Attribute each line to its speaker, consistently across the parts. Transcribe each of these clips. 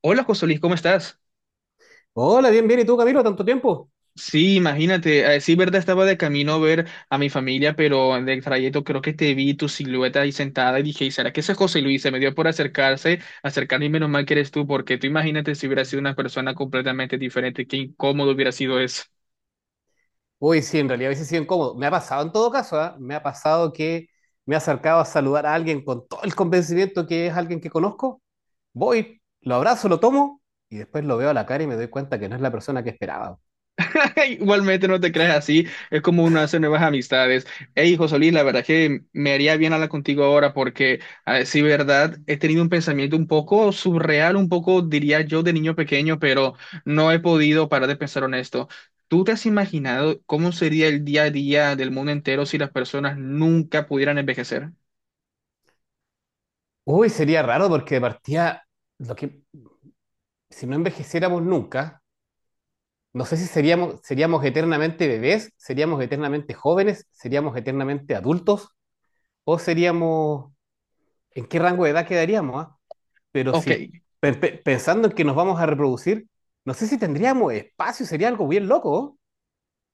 Speaker 1: Hola José Luis, ¿cómo estás?
Speaker 2: Hola, bien, bien. ¿Y tú, Camilo? ¿Tanto tiempo?
Speaker 1: Sí, imagínate, sí, verdad, estaba de camino a ver a mi familia, pero en el trayecto creo que te vi tu silueta ahí sentada y dije, ¿será que ese es José Luis? Se me dio por acercarme y menos mal que eres tú, porque tú imagínate si hubiera sido una persona completamente diferente, qué incómodo hubiera sido eso.
Speaker 2: Uy, sí, en realidad a veces sí incómodo. Me ha pasado en todo caso, ¿ah? Me ha pasado que me he acercado a saludar a alguien con todo el convencimiento que es alguien que conozco. Voy, lo abrazo, lo tomo y después lo veo a la cara y me doy cuenta que no es la persona que esperaba.
Speaker 1: Igualmente no te creas así, es como uno hace nuevas amistades. Hey, Solís, la verdad que me haría bien hablar contigo ahora porque, a decir verdad, he tenido un pensamiento un poco surreal, un poco, diría yo, de niño pequeño, pero no he podido parar de pensar en esto. ¿Tú te has imaginado cómo sería el día a día del mundo entero si las personas nunca pudieran envejecer?
Speaker 2: Uy, sería raro porque de partida, lo que, si no envejeciéramos nunca, no sé si seríamos, seríamos eternamente bebés, seríamos eternamente jóvenes, seríamos eternamente adultos o seríamos, ¿en qué rango de edad quedaríamos, ah? Pero
Speaker 1: Ok.
Speaker 2: si pensando en que nos vamos a reproducir, no sé si tendríamos espacio, sería algo bien loco,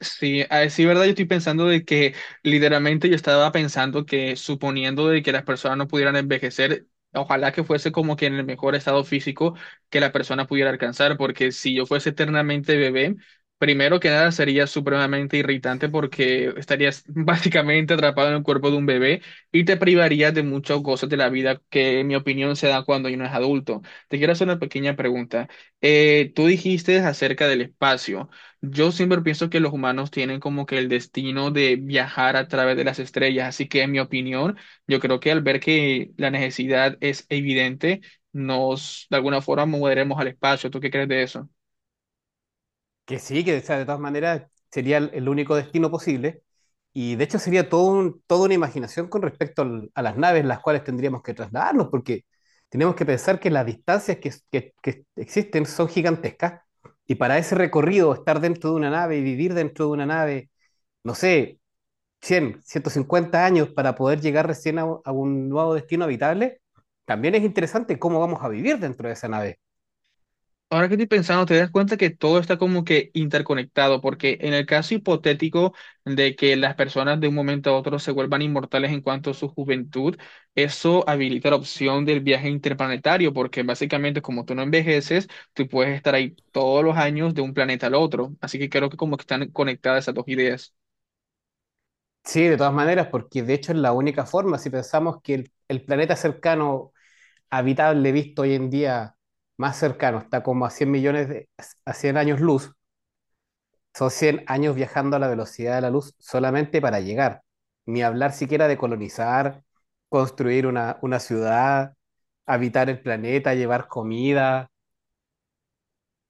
Speaker 1: Sí, a decir verdad, yo estoy pensando de que literalmente yo estaba pensando que suponiendo de que las personas no pudieran envejecer, ojalá que fuese como que en el mejor estado físico que la persona pudiera alcanzar, porque si yo fuese eternamente bebé, primero que nada sería supremamente irritante porque estarías básicamente atrapado en el cuerpo de un bebé y te privarías de muchas cosas de la vida que en mi opinión se da cuando uno es adulto. Te quiero hacer una pequeña pregunta. Tú dijiste acerca del espacio. Yo siempre pienso que los humanos tienen como que el destino de viajar a través de las estrellas, así que en mi opinión, yo creo que al ver que la necesidad es evidente, nos de alguna forma moveremos al espacio. ¿Tú qué crees de eso?
Speaker 2: que sí, que o sea, de todas maneras sería el único destino posible, y de hecho sería todo un, toda una imaginación con respecto al, a las naves en las cuales tendríamos que trasladarnos, porque tenemos que pensar que las distancias que existen son gigantescas, y para ese recorrido, estar dentro de una nave y vivir dentro de una nave, no sé, 100, 150 años para poder llegar recién a un nuevo destino habitable, también es interesante cómo vamos a vivir dentro de esa nave.
Speaker 1: Ahora que estoy pensando, te das cuenta que todo está como que interconectado, porque en el caso hipotético de que las personas de un momento a otro se vuelvan inmortales en cuanto a su juventud, eso habilita la opción del viaje interplanetario, porque básicamente como tú no envejeces, tú puedes estar ahí todos los años de un planeta al otro. Así que creo que como que están conectadas esas dos ideas.
Speaker 2: Sí, de todas maneras, porque de hecho es la única forma, si pensamos que el planeta cercano habitable visto hoy en día más cercano está como a 100 millones de, a 100 años luz, son 100 años viajando a la velocidad de la luz solamente para llegar, ni hablar siquiera de colonizar, construir una ciudad, habitar el planeta, llevar comida.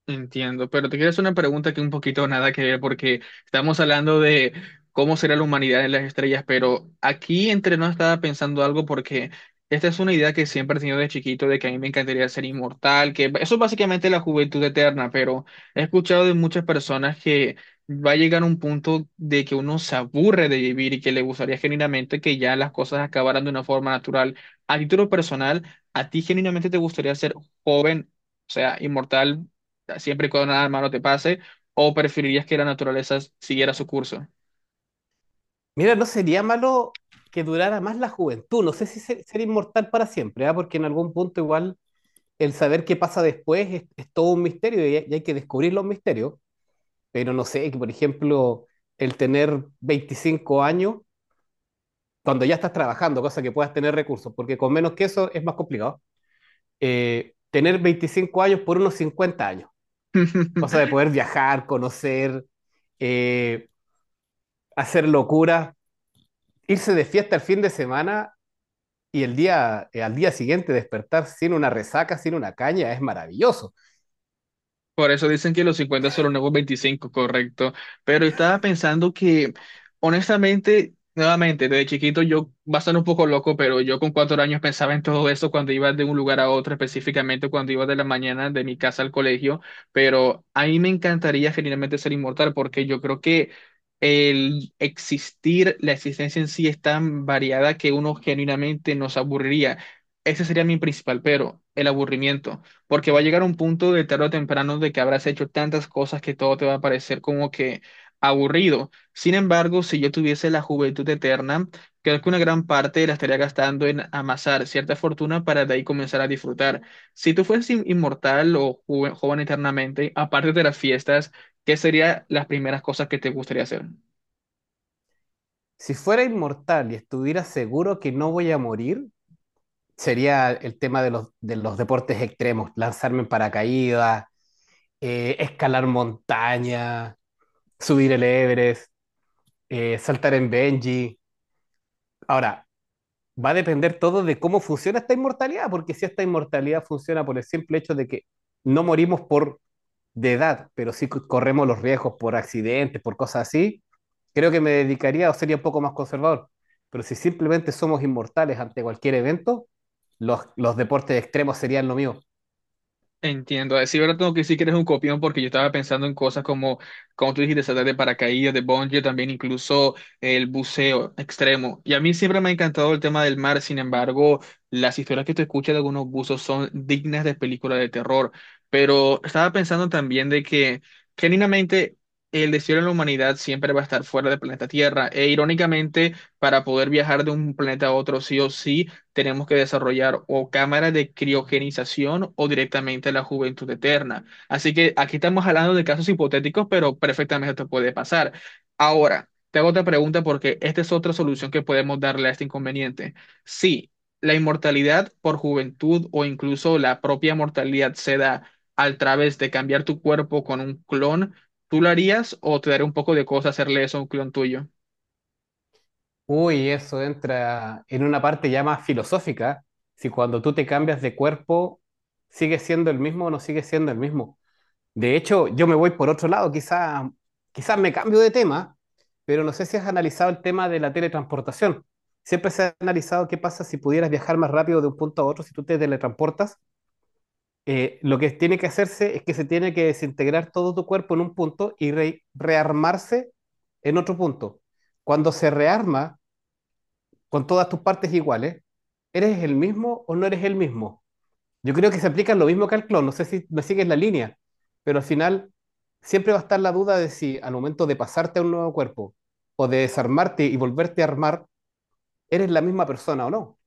Speaker 1: Entiendo, pero te quiero hacer una pregunta que un poquito nada que ver, porque estamos hablando de cómo será la humanidad en las estrellas, pero aquí entre nos estaba pensando algo porque esta es una idea que siempre he tenido de chiquito, de que a mí me encantaría ser inmortal, que eso es básicamente la juventud eterna, pero he escuchado de muchas personas que va a llegar un punto de que uno se aburre de vivir y que le gustaría genuinamente que ya las cosas acabaran de una forma natural. A título personal, ¿a ti genuinamente te gustaría ser joven? O sea, ¿inmortal siempre y cuando nada malo te pase, o preferirías que la naturaleza siguiera su curso?
Speaker 2: Mira, no sería malo que durara más la juventud. No sé si ser inmortal para siempre, ¿ah? Porque en algún punto igual el saber qué pasa después es todo un misterio y hay que descubrir los misterios. Pero no sé, que por ejemplo, el tener 25 años cuando ya estás trabajando, cosa que puedas tener recursos, porque con menos que eso es más complicado. Tener 25 años por unos 50 años, cosa de poder viajar, conocer, eh, hacer locuras, irse de fiesta el fin de semana y el día, al día siguiente despertar sin una resaca, sin una caña, es maravilloso.
Speaker 1: Por eso dicen que los 50 son los nuevos 25, correcto. Pero estaba pensando que, honestamente, nuevamente, desde chiquito yo, va a sonar un poco loco, pero yo con 4 años pensaba en todo eso cuando iba de un lugar a otro, específicamente cuando iba de la mañana de mi casa al colegio. Pero a mí me encantaría genuinamente ser inmortal porque yo creo que el existir, la existencia en sí es tan variada que uno genuinamente nos aburriría. Ese sería mi principal pero, el aburrimiento, porque va a llegar un punto de tarde o temprano de que habrás hecho tantas cosas que todo te va a parecer como que aburrido. Sin embargo, si yo tuviese la juventud eterna, creo que una gran parte la estaría gastando en amasar cierta fortuna para de ahí comenzar a disfrutar. Si tú fueses inmortal o joven eternamente, aparte de las fiestas, ¿qué serían las primeras cosas que te gustaría hacer?
Speaker 2: Si fuera inmortal y estuviera seguro que no voy a morir, sería el tema de los deportes extremos, lanzarme en paracaídas, escalar montaña, subir el Everest, saltar en bungee. Ahora, va a depender todo de cómo funciona esta inmortalidad, porque si esta inmortalidad funciona por el simple hecho de que no morimos por de edad, pero sí corremos los riesgos por accidentes, por cosas así, creo que me dedicaría o sería un poco más conservador. Pero si simplemente somos inmortales ante cualquier evento, los deportes extremos serían lo mío.
Speaker 1: Entiendo. Sí, ahora tengo que decir que eres un copión porque yo estaba pensando en cosas como tú dijiste, saltar de paracaídas, de bungee, también incluso el buceo extremo. Y a mí siempre me ha encantado el tema del mar, sin embargo, las historias que tú escuchas de algunos buzos son dignas de películas de terror. Pero estaba pensando también de que, genuinamente, el destino de la humanidad siempre va a estar fuera del planeta Tierra. E irónicamente, para poder viajar de un planeta a otro, sí o sí, tenemos que desarrollar o cámaras de criogenización o directamente la juventud eterna. Así que aquí estamos hablando de casos hipotéticos, pero perfectamente esto puede pasar. Ahora, te hago otra pregunta porque esta es otra solución que podemos darle a este inconveniente. Si la inmortalidad por juventud o incluso la propia mortalidad se da al través de cambiar tu cuerpo con un clon, ¿tú lo harías o te daría un poco de cosa hacerle eso a un clon tuyo?
Speaker 2: Uy, eso entra en una parte ya más filosófica. Si cuando tú te cambias de cuerpo, ¿sigues siendo el mismo o no sigues siendo el mismo? De hecho, yo me voy por otro lado, quizás me cambio de tema, pero no sé si has analizado el tema de la teletransportación. Siempre se ha analizado qué pasa si pudieras viajar más rápido de un punto a otro si tú te teletransportas. Lo que tiene que hacerse es que se tiene que desintegrar todo tu cuerpo en un punto y rearmarse en otro punto. Cuando se rearma con todas tus partes iguales, ¿eres el mismo o no eres el mismo? Yo creo que se aplica lo mismo que al clon, no sé si me sigues la línea, pero al final siempre va a estar la duda de si al momento de pasarte a un nuevo cuerpo o de desarmarte y volverte a armar, eres la misma persona o no.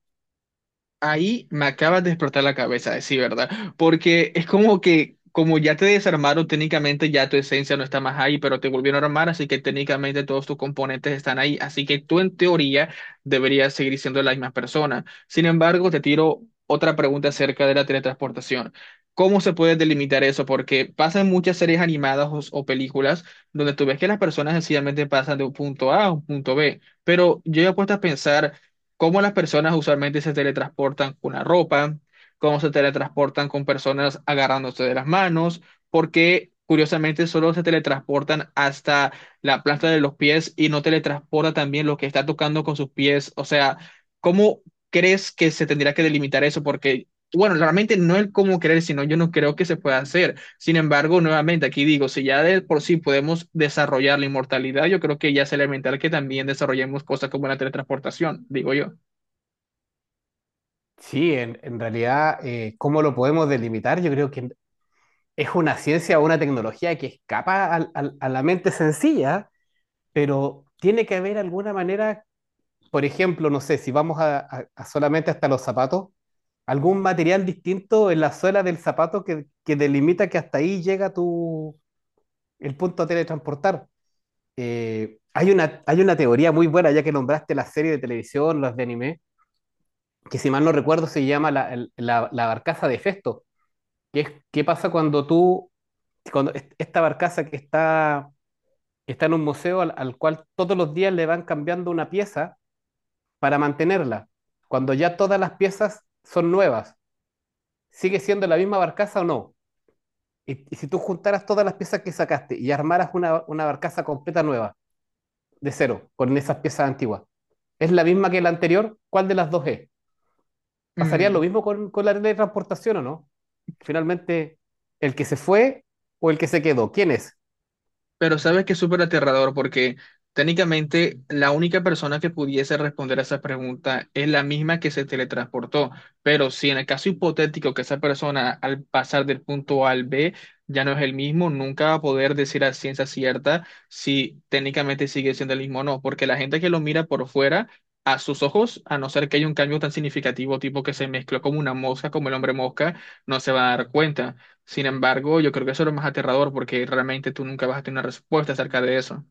Speaker 1: Ahí me acabas de explotar la cabeza, sí, ¿verdad? Porque es como que, como ya te desarmaron, técnicamente ya tu esencia no está más ahí, pero te volvieron a armar, así que técnicamente todos tus componentes están ahí, así que tú en teoría deberías seguir siendo la misma persona. Sin embargo, te tiro otra pregunta acerca de la teletransportación. ¿Cómo se puede delimitar eso? Porque pasan muchas series animadas o películas donde tú ves que las personas sencillamente pasan de un punto A a un punto B, pero yo he puesto a pensar cómo las personas usualmente se teletransportan con la ropa, cómo se teletransportan con personas agarrándose de las manos, porque curiosamente solo se teletransportan hasta la planta de los pies y no teletransporta también lo que está tocando con sus pies. O sea, ¿cómo crees que se tendría que delimitar eso? Porque, bueno, realmente no el cómo creer, sino yo no creo que se pueda hacer. Sin embargo, nuevamente aquí digo, si ya de por sí podemos desarrollar la inmortalidad, yo creo que ya es elemental que también desarrollemos cosas como la teletransportación, digo yo.
Speaker 2: Sí, en realidad, ¿cómo lo podemos delimitar? Yo creo que es una ciencia o una tecnología que escapa a la mente sencilla, pero tiene que haber alguna manera por ejemplo, no sé, si vamos a solamente hasta los zapatos, algún material distinto en la suela del zapato que delimita que hasta ahí llega tu, el punto a teletransportar. Hay una teoría muy buena, ya que nombraste la serie de televisión, los de anime, que si mal no recuerdo se llama la barcaza de Festo, que es qué pasa cuando tú, cuando esta barcaza que está en un museo al cual todos los días le van cambiando una pieza para mantenerla, cuando ya todas las piezas son nuevas, ¿sigue siendo la misma barcaza o no? Y si tú juntaras todas las piezas que sacaste y armaras una barcaza completa nueva, de cero, con esas piezas antiguas, ¿es la misma que la anterior? ¿Cuál de las dos es? ¿Pasaría lo
Speaker 1: Mm.
Speaker 2: mismo con la ley de transportación o no? Finalmente, ¿el que se fue o el que se quedó? ¿Quién es?
Speaker 1: Pero sabes que es súper aterrador porque técnicamente la única persona que pudiese responder a esa pregunta es la misma que se teletransportó. Pero si en el caso hipotético que esa persona al pasar del punto A al B ya no es el mismo, nunca va a poder decir a ciencia cierta si técnicamente sigue siendo el mismo o no. Porque la gente que lo mira por fuera, a sus ojos, a no ser que haya un cambio tan significativo, tipo que se mezcló como una mosca, como el hombre mosca, no se va a dar cuenta. Sin embargo, yo creo que eso es lo más aterrador porque realmente tú nunca vas a tener una respuesta acerca de eso.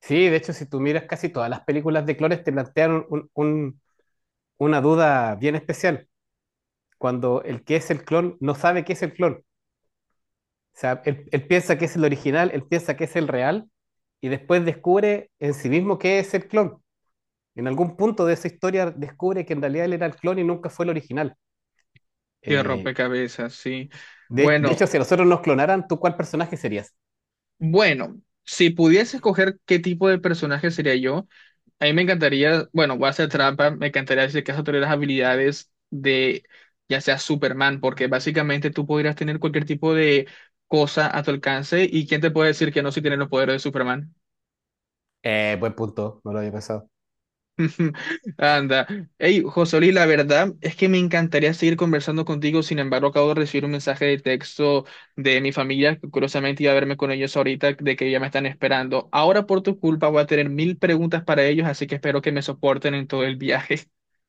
Speaker 2: Sí, de hecho, si tú miras casi todas las películas de clones, te plantean una duda bien especial. Cuando el que es el clon no sabe qué es el clon. Sea, él piensa que es el original, él piensa que es el real, y después descubre en sí mismo que es el clon. En algún punto de esa historia descubre que en realidad él era el clon y nunca fue el original.
Speaker 1: Qué
Speaker 2: Eh,
Speaker 1: rompecabezas, sí.
Speaker 2: de
Speaker 1: Bueno,
Speaker 2: hecho, si nosotros nos clonaran, ¿tú cuál personaje serías?
Speaker 1: bueno, si pudiese escoger qué tipo de personaje sería yo, a mí me encantaría, bueno, voy a hacer trampa, me encantaría decir que eso tener las habilidades de ya sea Superman, porque básicamente tú podrías tener cualquier tipo de cosa a tu alcance y quién te puede decir que no si tienes los poderes de Superman.
Speaker 2: Buen punto, no lo había pensado.
Speaker 1: Anda. Hey, Josoli, la verdad es que me encantaría seguir conversando contigo. Sin embargo, acabo de recibir un mensaje de texto de mi familia, que curiosamente iba a verme con ellos ahorita, de que ya me están esperando. Ahora, por tu culpa, voy a tener 1000 preguntas para ellos, así que espero que me soporten en todo el viaje.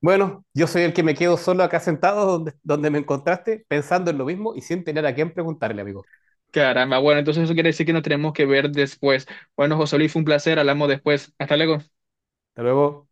Speaker 2: Bueno, yo soy el que me quedo solo acá sentado donde, donde me encontraste, pensando en lo mismo y sin tener a quién preguntarle, amigo.
Speaker 1: Caramba. Bueno, entonces eso quiere decir que nos tenemos que ver después. Bueno, Josoli, fue un placer. Hablamos después. Hasta luego.
Speaker 2: Hasta luego.